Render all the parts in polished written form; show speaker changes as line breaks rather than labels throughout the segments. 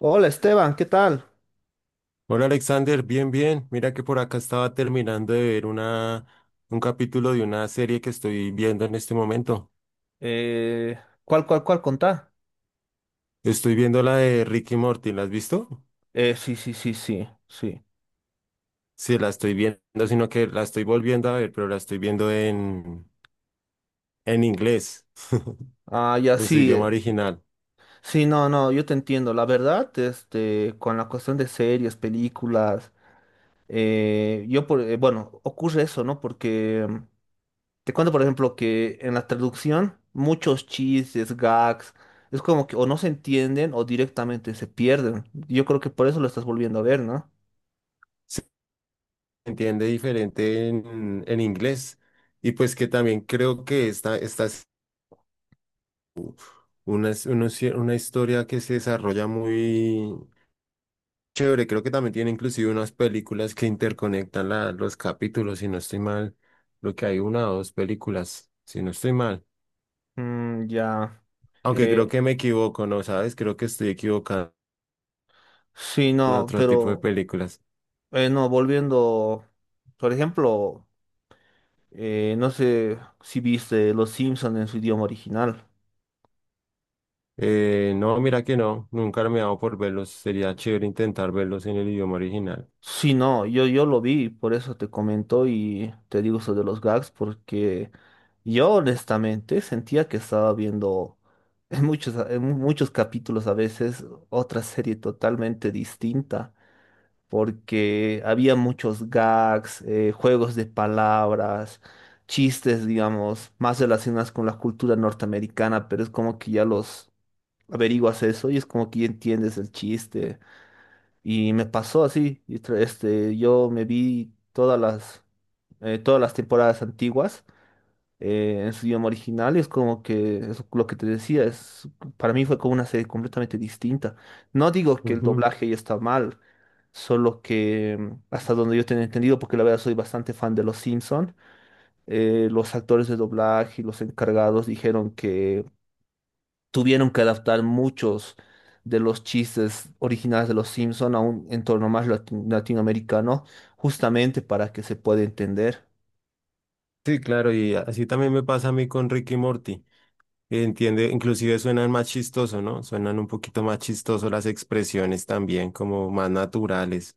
Hola Esteban, ¿qué tal?
Hola Alexander, bien, bien. Mira que por acá estaba terminando de ver un capítulo de una serie que estoy viendo en este momento.
Eh, ¿Cuál, cuál contá?
Estoy viendo la de Ricky Morty, ¿la has visto?
Sí, sí, sí, sí, sí.
Sí, la estoy viendo, sino que la estoy volviendo a ver, pero la estoy viendo en inglés,
Ah, ya
en su
sí.
idioma original.
Sí, no, no, yo te entiendo. La verdad, este, con la cuestión de series, películas, yo por, bueno, ocurre eso, ¿no? Porque te cuento, por ejemplo, que en la traducción muchos chistes, gags, es como que o no se entienden o directamente se pierden. Yo creo que por eso lo estás volviendo a ver, ¿no?
Se entiende diferente en inglés. Y pues que también creo que esta es una, es una, una historia que se desarrolla muy chévere. Creo que también tiene inclusive unas películas que interconectan los capítulos, si no estoy mal. Creo que hay una o dos películas, si no estoy mal.
Mm, ya.
Aunque creo
Eh,
que me equivoco, ¿no? ¿Sabes? Creo que estoy equivocado
sí,
en
no,
otro tipo de
pero
películas.
bueno, volviendo, por ejemplo, no sé si viste Los Simpsons en su idioma original.
No, mira que no. Nunca me he dado por verlos. Sería chévere intentar verlos en el idioma original.
Sí, no, yo lo vi, por eso te comento y te digo sobre los gags, porque yo honestamente sentía que estaba viendo en muchos capítulos a veces otra serie totalmente distinta. Porque había muchos gags, juegos de palabras, chistes, digamos, más relacionados con la cultura norteamericana, pero es como que ya los averiguas eso y es como que ya entiendes el chiste. Y me pasó así, y este, yo me vi todas las temporadas antiguas en su idioma original, es como que es lo que te decía, es, para mí fue como una serie completamente distinta. No digo que el
Ujú.
doblaje ya está mal, solo que hasta donde yo tengo entendido, porque la verdad soy bastante fan de Los Simpson, los actores de doblaje y los encargados dijeron que tuvieron que adaptar muchos de los chistes originales de Los Simpson a un entorno más latinoamericano, justamente para que se pueda entender.
Sí, claro, y así también me pasa a mí con Ricky y Morty. Entiende, inclusive suenan más chistosos, ¿no? Suenan un poquito más chistosos las expresiones también, como más naturales.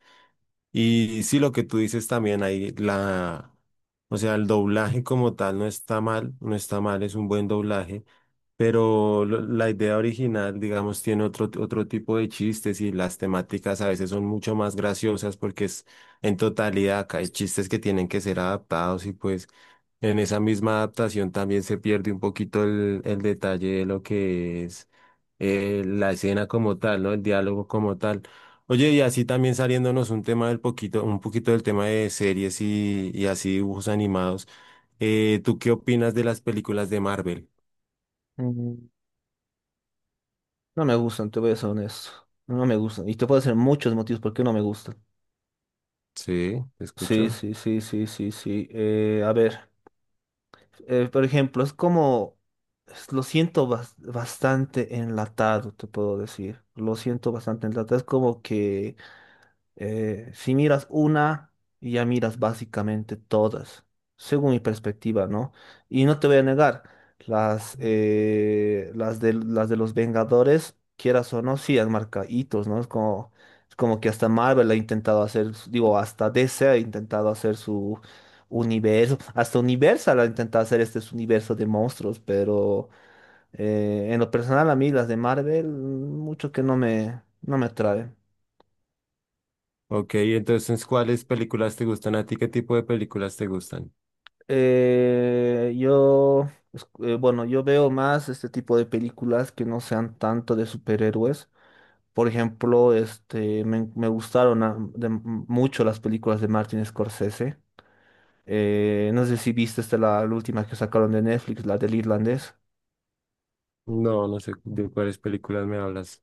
Y sí, lo que tú dices también ahí, o sea, el doblaje como tal no está mal, no está mal, es un buen doblaje, pero la idea original, digamos, tiene otro tipo de chistes y las temáticas a veces son mucho más graciosas porque es en totalidad, acá hay chistes que tienen que ser adaptados y pues en esa misma adaptación también se pierde un poquito el detalle de lo que es la escena como tal, ¿no? El diálogo como tal. Oye, y así también saliéndonos un tema del poquito, un poquito del tema de series y así dibujos animados. ¿Tú qué opinas de las películas de Marvel?
No me gustan, te voy a ser honesto. No me gustan. Y te puedo decir muchos motivos por qué no me gustan.
Sí, te
Sí,
escucho.
sí, sí, sí, sí, sí. A ver, por ejemplo, es como, lo siento bastante enlatado, te puedo decir. Lo siento bastante enlatado. Es como que... si miras una, ya miras básicamente todas, según mi perspectiva, ¿no? Y no te voy a negar, las de los Vengadores, quieras o no, sí han marcado hitos, ¿no? Es como que hasta Marvel ha intentado hacer, digo, hasta DC ha intentado hacer su universo, hasta Universal ha intentado hacer este su universo de monstruos, pero en lo personal a mí las de Marvel, mucho que no me, no me atraen.
Ok, entonces, ¿cuáles películas te gustan a ti? ¿Qué tipo de películas te gustan?
Bueno, yo veo más este tipo de películas que no sean tanto de superhéroes. Por ejemplo, este, me gustaron mucho las películas de Martin Scorsese. No sé si viste esta, la última que sacaron de Netflix, la del irlandés.
No, no sé de cuáles películas me hablas.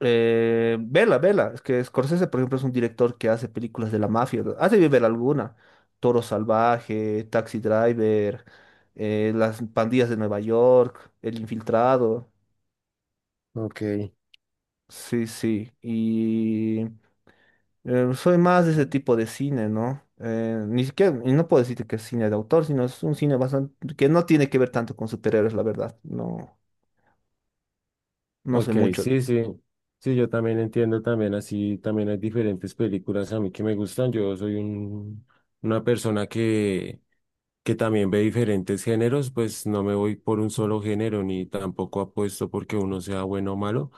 Vela, vela. Es que Scorsese, por ejemplo, es un director que hace películas de la mafia. Has de ver alguna. Toro Salvaje, Taxi Driver, las pandillas de Nueva York, El Infiltrado.
Ok,
Sí, sí. Y soy más de ese tipo de cine, ¿no? Ni siquiera, y no puedo decirte que es cine de autor, sino es un cine bastante que no tiene que ver tanto con superhéroes, la verdad. No, no sé
ok,
mucho.
sí, sí. Sí, yo también entiendo también así, también hay diferentes películas a mí que me gustan. Yo soy una persona que también ve diferentes géneros, pues no me voy por un solo género ni tampoco apuesto porque uno sea bueno o malo,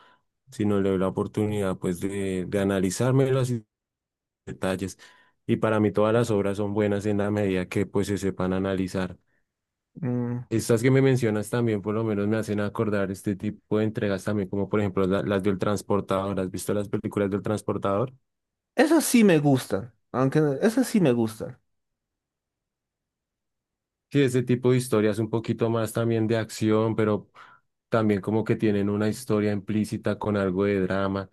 sino le doy la oportunidad pues de analizarme los detalles. Y para mí todas las obras son buenas en la medida que pues se sepan analizar.
Mm,
Estas que me mencionas también por lo menos me hacen acordar este tipo de entregas también, como por ejemplo las del transportador. ¿Has visto las películas del transportador?
esas sí me gustan, aunque no, esas sí me gustan.
Sí, ese tipo de historias un poquito más también de acción, pero también como que tienen una historia implícita con algo de drama.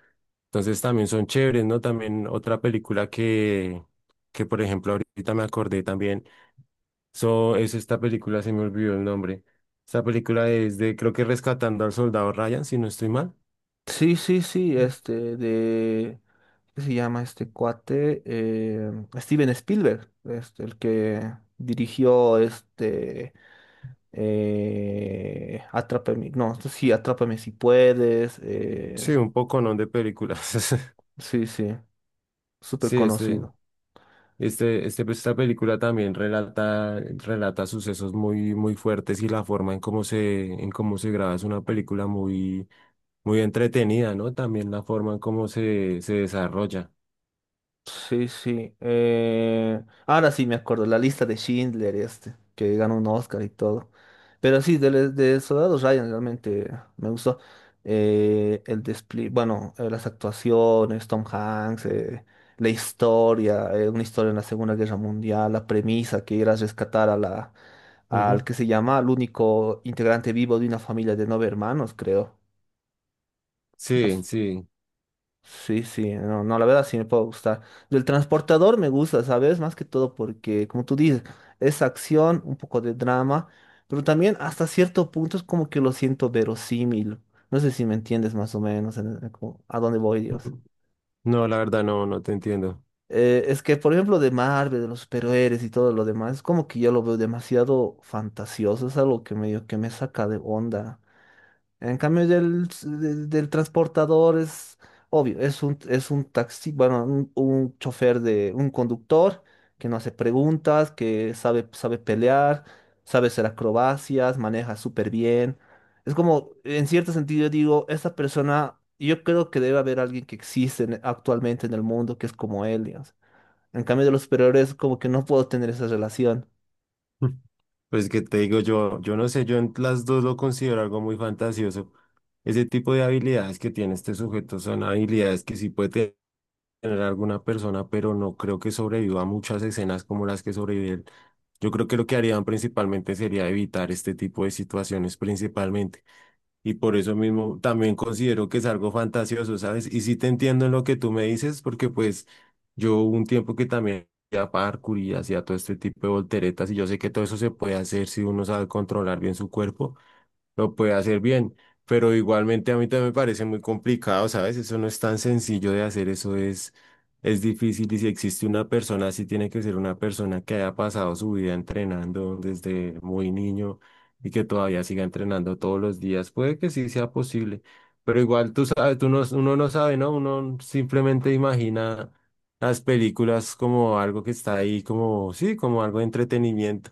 Entonces también son chéveres, ¿no? También otra película que por ejemplo ahorita me acordé también, so, es esta película, se me olvidó el nombre. Esta película es de, creo que Rescatando al Soldado Ryan, si no estoy mal.
Sí, sí, sí, este de ¿qué se llama este cuate? Steven Spielberg, este, el que dirigió este Atrápame, no, sí, Atrápame si puedes.
Sí, un poco, ¿no? De películas.
Sí, sí, súper
Sí, este.
conocido.
Este, pues, esta película también relata, relata sucesos muy, muy fuertes y la forma en en cómo se graba es una película muy, muy entretenida, ¿no? También la forma en se desarrolla.
Sí, sí. Ahora sí me acuerdo, la lista de Schindler, este, que ganó un Oscar y todo. Pero sí, de Soldado Ryan realmente me gustó. El despliegue, bueno, las actuaciones, Tom Hanks, la historia, una historia en la Segunda Guerra Mundial, la premisa que era rescatar a la, al
Ujú.
que se llama, al único integrante vivo de una familia de nueve hermanos, creo.
Sí, sí.
Sí, sí, no, no, la verdad sí me puede gustar. Del transportador me gusta, ¿sabes? Más que todo porque, como tú dices, es acción, un poco de drama, pero también hasta cierto punto es como que lo siento verosímil. No sé si me entiendes más o menos en a dónde voy, Dios.
Ujú. No, la verdad no, no te entiendo.
Es que, por ejemplo, de Marvel, de los superhéroes y todo lo demás, es como que yo lo veo demasiado fantasioso, es algo que medio que me saca de onda. En cambio del transportador es obvio, es un taxi, bueno, un chofer de un conductor que no hace preguntas, que sabe, sabe pelear, sabe hacer acrobacias, maneja súper bien. Es como, en cierto sentido, digo, esta persona, yo creo que debe haber alguien que existe actualmente en el mundo que es como él, digamos. En cambio de los superiores, como que no puedo tener esa relación.
Pues que te digo yo, yo no sé, yo en las dos lo considero algo muy fantasioso. Ese tipo de habilidades que tiene este sujeto son habilidades que sí puede tener a alguna persona, pero no creo que sobreviva a muchas escenas como las que sobrevive él. Yo creo que lo que harían principalmente sería evitar este tipo de situaciones principalmente. Y por eso mismo también considero que es algo fantasioso, ¿sabes? Y sí te entiendo en lo que tú me dices, porque pues yo hubo un tiempo que también hacía parkour y hacía todo este tipo de volteretas y yo sé que todo eso se puede hacer si uno sabe controlar bien su cuerpo, lo puede hacer bien, pero igualmente a mí también me parece muy complicado, ¿sabes? Eso no es tan sencillo de hacer, es difícil y si existe una persona, sí tiene que ser una persona que haya pasado su vida entrenando desde muy niño y que todavía siga entrenando todos los días. Puede que sí sea posible, pero igual tú sabes, tú no, uno no sabe, ¿no? Uno simplemente imagina las películas como algo que está ahí, como, sí, como algo de entretenimiento.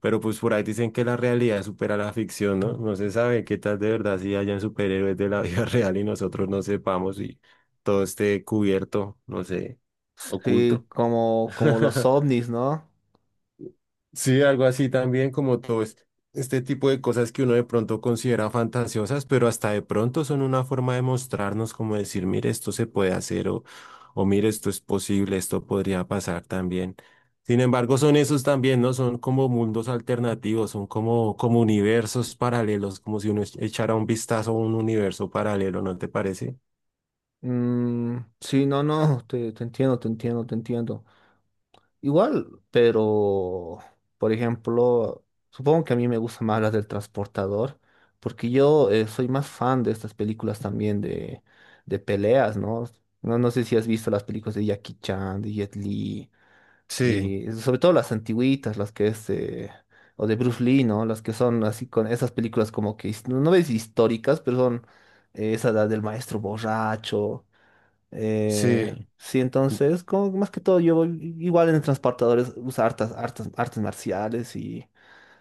Pero pues por ahí dicen que la realidad supera la ficción, ¿no? No se sabe qué tal de verdad si hayan superhéroes de la vida real y nosotros no sepamos y todo esté cubierto, no sé,
Sí,
oculto.
como, como los ovnis, ¿no?
Sí, algo así también como todo este tipo de cosas que uno de pronto considera fantasiosas, pero hasta de pronto son una forma de mostrarnos como decir, mire, esto se puede hacer o mire, esto es posible, esto podría pasar también. Sin embargo, son esos también, ¿no? Son como mundos alternativos, son como universos paralelos, como si uno echara un vistazo a un universo paralelo, ¿no te parece?
Mm, sí, no, no, te entiendo, te entiendo, te entiendo. Igual, pero, por ejemplo, supongo que a mí me gustan más las del transportador, porque yo soy más fan de estas películas también de peleas, ¿no? ¿No? No sé si has visto las películas de Jackie Chan, de Jet Li,
Sí,
y sobre todo las antiguitas, las que es, o de Bruce Lee, ¿no? Las que son así con esas películas como que, no, no ves históricas, pero son esa edad del maestro borracho. Eh,
sí.
sí, entonces, como que más que todo, igual en transportadores uso hartas, hartas, artes marciales y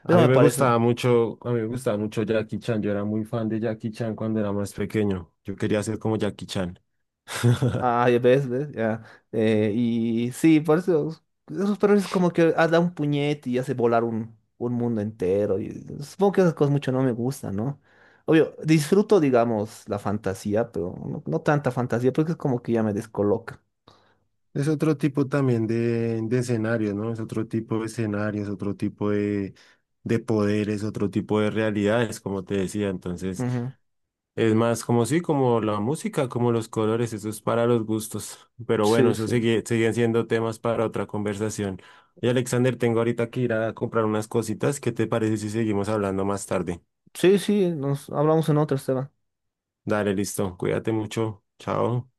A
eso
mí
me
me
parece.
gustaba mucho, a mí me gustaba mucho Jackie Chan. Yo era muy fan de Jackie Chan cuando era más pequeño. Yo quería ser como Jackie Chan.
Ah, ya ves, ves, ya. Y sí, por eso esos perros es como que ah, da un puñete y hace volar un mundo entero. Y supongo que esas cosas mucho no me gustan, ¿no? Obvio, disfruto, digamos, la fantasía, pero no, no tanta fantasía, porque es como que ya me descoloca.
Es otro tipo también de escenario, ¿no? Es otro tipo de escenario, es otro tipo de poderes, otro tipo de realidades, como te decía. Entonces,
Ujú.
es más como sí, como la música, como los colores, eso es para los gustos. Pero bueno,
Sí,
eso
sí.
sigue, siguen siendo temas para otra conversación. Y Alexander, tengo ahorita que ir a comprar unas cositas. ¿Qué te parece si seguimos hablando más tarde?
Sí, sí, nos hablamos en otra, Esteban.
Dale, listo. Cuídate mucho. Chao.